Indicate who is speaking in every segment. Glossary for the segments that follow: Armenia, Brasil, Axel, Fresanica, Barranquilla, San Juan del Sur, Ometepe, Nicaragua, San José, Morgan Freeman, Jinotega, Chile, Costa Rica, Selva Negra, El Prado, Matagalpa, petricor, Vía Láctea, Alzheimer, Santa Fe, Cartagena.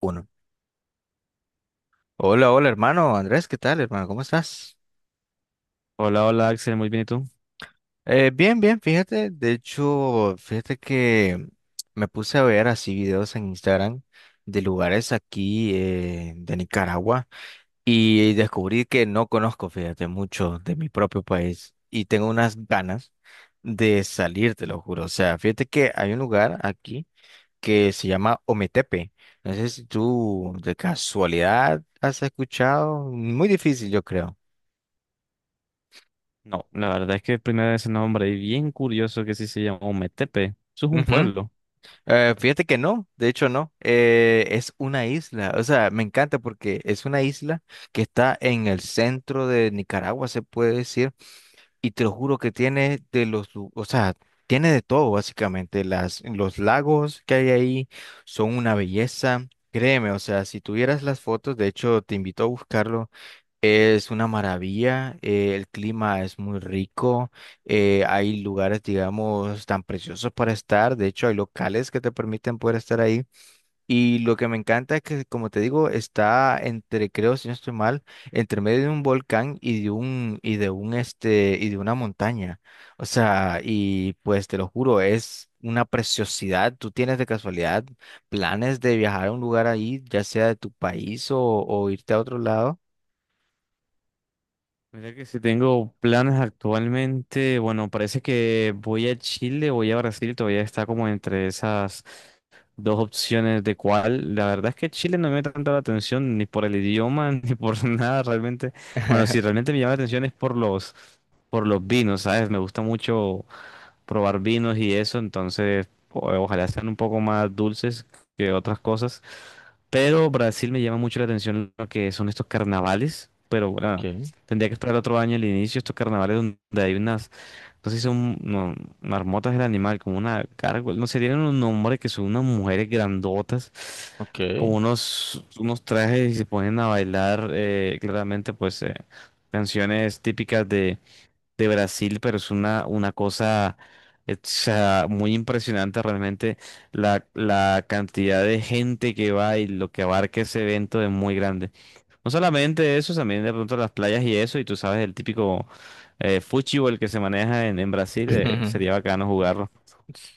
Speaker 1: Uno. Hola, hola hermano, Andrés, ¿qué tal hermano? ¿Cómo estás?
Speaker 2: Hola, hola Axel, muy bien, ¿y tú?
Speaker 1: Bien, bien, fíjate, de hecho, fíjate que me puse a ver así videos en Instagram de lugares aquí de Nicaragua y descubrí que no conozco, fíjate, mucho de mi propio país y tengo unas ganas de salir, te lo juro. O sea, fíjate que hay un lugar aquí que se llama Ometepe. No sé si tú de casualidad has escuchado, muy difícil yo creo.
Speaker 2: No, la verdad es que primera vez en nombre y bien curioso que sí se llama Ometepe. Eso es un pueblo.
Speaker 1: Fíjate que no, de hecho no, es una isla, o sea, me encanta porque es una isla que está en el centro de Nicaragua, se puede decir, y te lo juro que tiene de los, o sea, tiene de todo básicamente, los lagos que hay ahí son una belleza, créeme, o sea, si tuvieras las fotos, de hecho te invito a buscarlo, es una maravilla, el clima es muy rico, hay lugares, digamos, tan preciosos para estar, de hecho hay locales que te permiten poder estar ahí y lo que me encanta es que, como te digo, está entre, creo, si no estoy mal, entre medio de un volcán y de una montaña, o sea, y pues te lo juro, es una preciosidad. ¿Tú tienes de casualidad planes de viajar a un lugar ahí, ya sea de tu país o irte a otro lado?
Speaker 2: Mira que si tengo planes actualmente, bueno, parece que voy a Chile, voy a Brasil, todavía está como entre esas dos opciones de cuál. La verdad es que Chile no me llama tanto la atención ni por el idioma ni por nada realmente. Bueno, si realmente me llama la atención es por los vinos, ¿sabes? Me gusta mucho probar vinos y eso, entonces ojalá sean un poco más dulces que otras cosas. Pero Brasil me llama mucho la atención lo que son estos carnavales, pero bueno,
Speaker 1: Okay,
Speaker 2: tendría que esperar otro año el inicio, estos carnavales donde hay unas, no sé si son no, marmotas del animal, como una gárgola, no sé, tienen un nombre que son unas mujeres grandotas, con
Speaker 1: okay.
Speaker 2: unos, unos trajes y se ponen a bailar, claramente pues canciones típicas de Brasil, pero es una cosa o sea, muy impresionante realmente la cantidad de gente que va y lo que abarca ese evento es muy grande. No solamente eso, también de pronto las playas y eso, y tú sabes el típico fútbol que se maneja en Brasil, sería bacano jugarlo.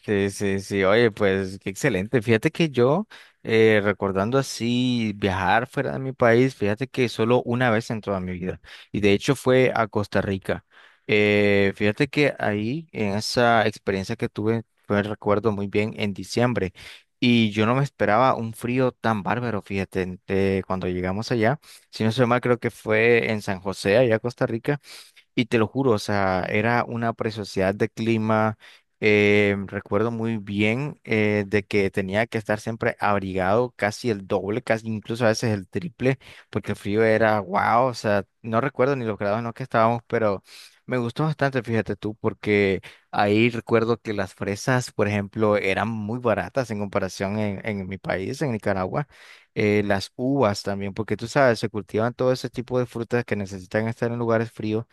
Speaker 1: Sí, sí, sí, oye, pues qué excelente. Fíjate que yo, recordando así viajar fuera de mi país, fíjate que solo una vez en toda mi vida, y de hecho fue a Costa Rica. Fíjate que ahí, en esa experiencia que tuve, fue, recuerdo muy bien, en diciembre, y yo no me esperaba un frío tan bárbaro, fíjate, cuando llegamos allá, si no soy mal, creo que fue en San José, allá a Costa Rica. Y te lo juro, o sea, era una preciosidad de clima. Recuerdo muy bien de que tenía que estar siempre abrigado casi el doble, casi incluso a veces el triple, porque el frío era wow, o sea, no recuerdo ni los grados en los que estábamos, pero me gustó bastante, fíjate tú, porque ahí recuerdo que las fresas, por ejemplo, eran muy baratas en comparación en mi país, en Nicaragua. Las uvas también, porque tú sabes, se cultivan todo ese tipo de frutas que necesitan estar en lugares fríos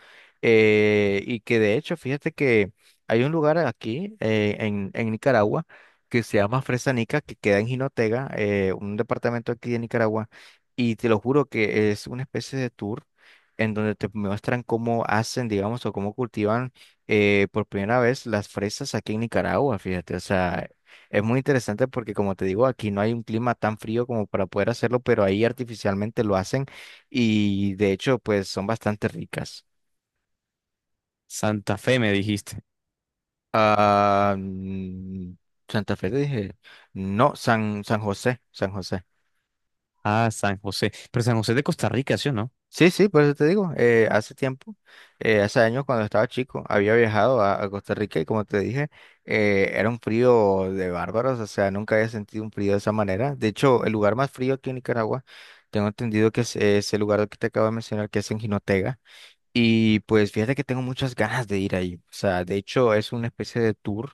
Speaker 1: y que de hecho, fíjate que hay un lugar aquí en Nicaragua que se llama Fresanica, que queda en Jinotega, un departamento aquí de Nicaragua. Y te lo juro que es una especie de tour en donde te muestran cómo hacen, digamos, o cómo cultivan por primera vez las fresas aquí en Nicaragua, fíjate. O sea, es muy interesante porque, como te digo, aquí no hay un clima tan frío como para poder hacerlo, pero ahí artificialmente lo hacen y de hecho, pues son bastante ricas.
Speaker 2: Santa Fe me dijiste.
Speaker 1: Ah, mm, Santa Fe, te dije. No, San, San José, San José.
Speaker 2: Ah, San José. Pero San José es de Costa Rica, ¿sí o
Speaker 1: Sí, sí, por eso te digo. Hace tiempo, hace años cuando estaba chico, había viajado a Costa Rica y como te dije, era un frío de bárbaros, o sea, nunca había sentido un frío de esa manera. De hecho, el lugar más frío aquí en Nicaragua, tengo entendido que es el lugar que te acabo de mencionar, que es en Jinotega. Y pues fíjate que tengo muchas ganas de ir ahí. O sea, de hecho, es una especie de tour.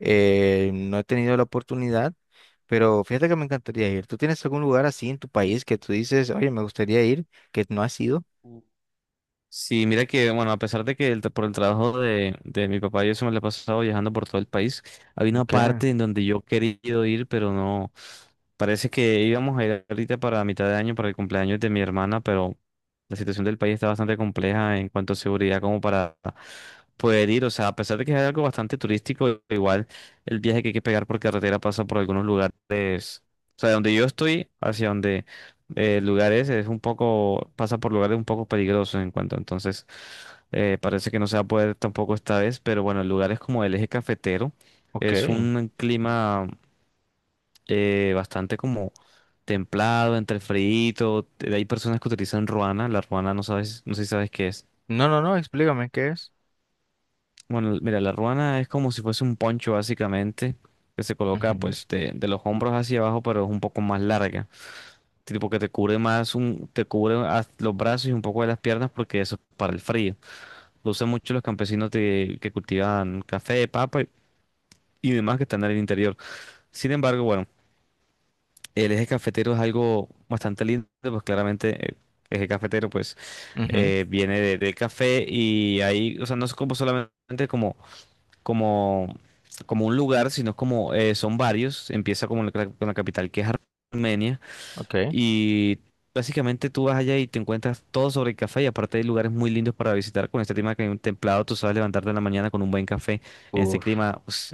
Speaker 1: No he tenido la oportunidad. Pero fíjate que me encantaría ir. ¿Tú tienes algún lugar así en tu país que tú dices, oye, me gustaría ir, que no has ido?
Speaker 2: no? Sí, mira que, bueno, a pesar de que por el trabajo de mi papá yo eso me lo he pasado viajando por todo el país, había una
Speaker 1: Okay,
Speaker 2: parte en donde yo he querido ir, pero no, parece que íbamos a ir ahorita para mitad de año, para el cumpleaños de mi hermana, pero la situación del país está bastante compleja en cuanto a seguridad como para poder ir, o sea, a pesar de que es algo bastante turístico, igual el viaje que hay que pegar por carretera pasa por algunos lugares, o sea, de donde yo estoy hacia donde lugares es un poco, pasa por lugares un poco peligrosos en cuanto, entonces parece que no se va a poder tampoco esta vez, pero bueno, lugares como el eje cafetero es
Speaker 1: okay.
Speaker 2: un clima bastante como templado, entre frío, hay personas que utilizan ruana, la ruana no sabes, no sé si sabes qué es.
Speaker 1: No, no, no, explícame qué es.
Speaker 2: Bueno, mira, la ruana es como si fuese un poncho básicamente, que se coloca
Speaker 1: Ujú,
Speaker 2: pues de los hombros hacia abajo, pero es un poco más larga. Tipo que te cubre más un, te cubre los brazos y un poco de las piernas porque eso es para el frío. Lo usan mucho los campesinos que cultivan café, papa y demás que están en el interior. Sin embargo, bueno, el eje cafetero es algo bastante lindo, pues claramente el eje cafetero pues
Speaker 1: ujú,
Speaker 2: viene del café y ahí, o sea, no es como solamente como, como un lugar, sino como son varios. Empieza como con la capital que es Armenia.
Speaker 1: ok.
Speaker 2: Y básicamente tú vas allá y te encuentras todo sobre el café y aparte hay lugares muy lindos para visitar con este clima que hay un templado, tú sabes levantarte en la mañana con un buen café en este
Speaker 1: Uf.
Speaker 2: clima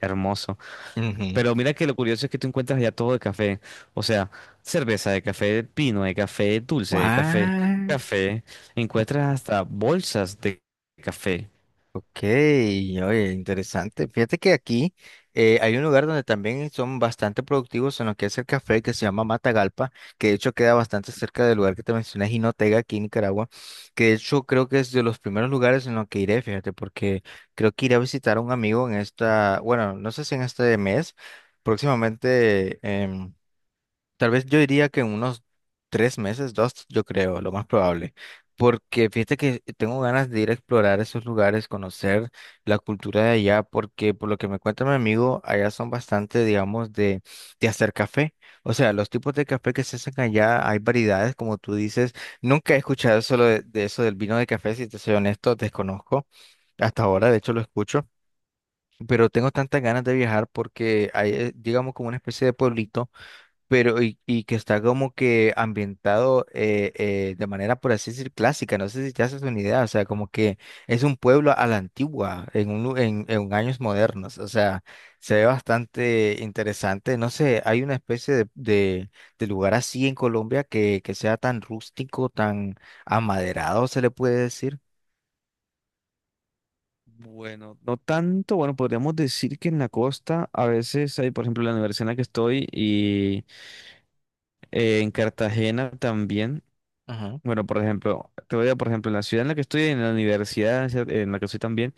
Speaker 2: hermoso.
Speaker 1: Ujú.
Speaker 2: Pero mira que lo curioso es que tú encuentras allá todo de café, o sea, cerveza de café de pino, de café dulce, de café,
Speaker 1: What?
Speaker 2: café, encuentras hasta bolsas de café.
Speaker 1: Ok, oye, interesante. Fíjate que aquí hay un lugar donde también son bastante productivos en lo que es el café, que se llama Matagalpa, que de hecho queda bastante cerca del lugar que te mencioné, Jinotega, aquí en Nicaragua, que de hecho creo que es de los primeros lugares en los que iré, fíjate, porque creo que iré a visitar a un amigo en esta, bueno, no sé si en este mes, próximamente tal vez yo diría que en unos tres meses, dos, yo creo, lo más probable. Porque fíjate que tengo ganas de ir a explorar esos lugares, conocer la cultura de allá, porque por lo que me cuenta mi amigo, allá son bastante, digamos, de hacer café. O sea, los tipos de café que se hacen allá, hay variedades, como tú dices. Nunca he escuchado solo de eso del vino de café, si te soy honesto, desconozco. Hasta ahora, de hecho, lo escucho. Pero tengo tantas ganas de viajar porque hay, digamos, como una especie de pueblito pero y que está como que ambientado de manera, por así decir, clásica. No sé si te haces una idea, o sea, como que es un pueblo a la antigua, en, un, lu- en años modernos, o sea, se ve bastante interesante. No sé, hay una especie de lugar así en Colombia que sea tan rústico, tan amaderado, se le puede decir.
Speaker 2: Bueno, no tanto, bueno, podríamos decir que en la costa a veces hay, por ejemplo, la universidad en la que estoy y en Cartagena también.
Speaker 1: Ajá,
Speaker 2: Bueno, por ejemplo, por ejemplo, en la ciudad en la que estoy, en la universidad en la que estoy también,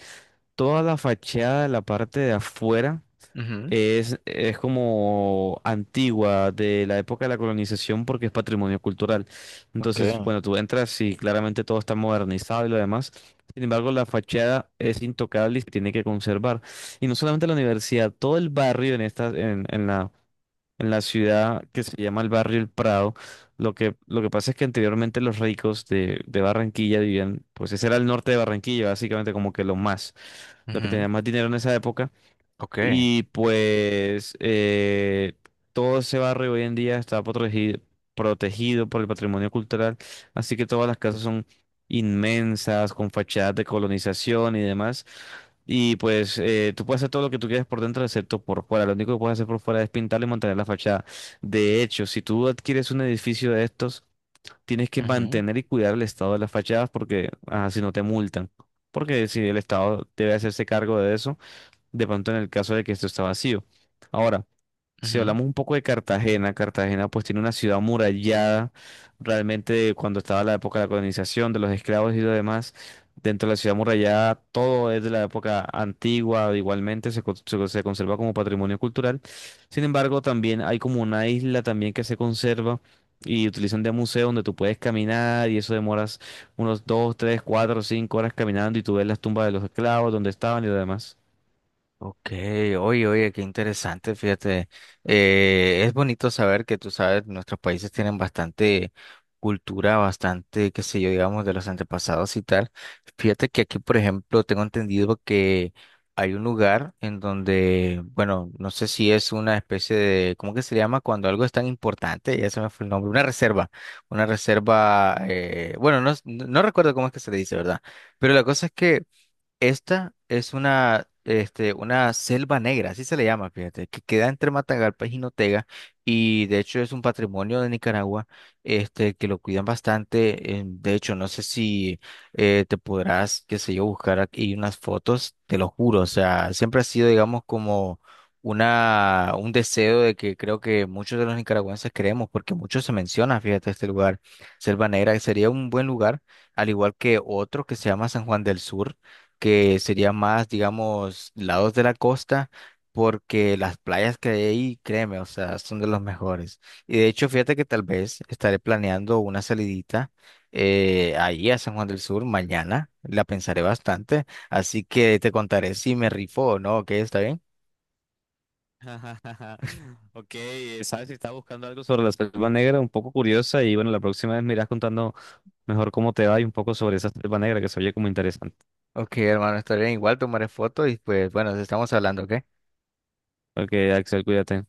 Speaker 2: toda la fachada, la parte de afuera,
Speaker 1: ujú,
Speaker 2: es como antigua, de la época de la colonización, porque es patrimonio cultural.
Speaker 1: ok,
Speaker 2: Entonces, bueno, tú entras y claramente todo está modernizado y lo demás. Sin embargo, la fachada es intocable y se tiene que conservar. Y no solamente la universidad, todo el barrio en esta, en la ciudad que se llama el barrio El Prado. Lo que pasa es que anteriormente los ricos de Barranquilla vivían, pues ese era el norte de Barranquilla, básicamente como que lo más, lo que
Speaker 1: ujú,
Speaker 2: tenía más dinero en esa época.
Speaker 1: ok,
Speaker 2: Y pues todo ese barrio hoy en día está protegido, protegido por el patrimonio cultural, así que todas las casas son inmensas, con fachadas de colonización y demás. Y pues tú puedes hacer todo lo que tú quieras por dentro, excepto por fuera. Lo único que puedes hacer por fuera es pintar y mantener la fachada. De hecho, si tú adquieres un edificio de estos, tienes que
Speaker 1: ujú,
Speaker 2: mantener y cuidar el estado de las fachadas porque así si no te multan. Porque si el Estado debe hacerse cargo de eso de pronto en el caso de que esto está vacío. Ahora, si
Speaker 1: ujú.
Speaker 2: hablamos un poco de Cartagena, Cartagena pues tiene una ciudad amurallada, realmente de cuando estaba la época de la colonización, de los esclavos y lo demás, dentro de la ciudad amurallada todo es de la época antigua, igualmente se conserva como patrimonio cultural. Sin embargo, también hay como una isla también que se conserva. Y utilizan de museo donde tú puedes caminar y eso demoras unos 2, 3, 4, 5 horas caminando y tú ves las tumbas de los esclavos, donde estaban y lo demás.
Speaker 1: Ok, oye, oye, qué interesante, fíjate. Es bonito saber que tú sabes, nuestros países tienen bastante cultura, bastante, qué sé yo, digamos, de los antepasados y tal. Fíjate que aquí, por ejemplo, tengo entendido que hay un lugar en donde, bueno, no sé si es una especie de, ¿cómo que se llama? Cuando algo es tan importante, ya se me fue el nombre, una reserva, bueno, no, no no recuerdo cómo es que se le dice, ¿verdad? Pero la cosa es que esta es una, este, una selva negra, así se le llama, fíjate, que queda entre Matagalpa y Jinotega, y de hecho es un patrimonio de Nicaragua, este, que lo cuidan bastante. De hecho, no sé si te podrás, qué sé yo, buscar aquí unas fotos, te lo juro, o sea, siempre ha sido, digamos, como una, un deseo de que creo que muchos de los nicaragüenses queremos, porque mucho se menciona, fíjate, este lugar, Selva Negra, que sería un buen lugar, al igual que otro que se llama San Juan del Sur, que sería más, digamos, lados de la costa, porque las playas que hay ahí, créeme, o sea, son de los mejores. Y de hecho, fíjate que tal vez estaré planeando una salidita ahí a San Juan del Sur mañana, la pensaré bastante, así que te contaré si me rifo o no, ¿ok? ¿Está bien?
Speaker 2: Ok, sabes si estás buscando algo sobre la selva negra, un poco curiosa, y bueno, la próxima vez me irás contando mejor cómo te va y un poco sobre esa selva negra que se oye como interesante.
Speaker 1: Ok, hermano, está bien, igual tomaré fotos y pues bueno, estamos hablando, ¿ok?
Speaker 2: Ok, Axel, cuídate.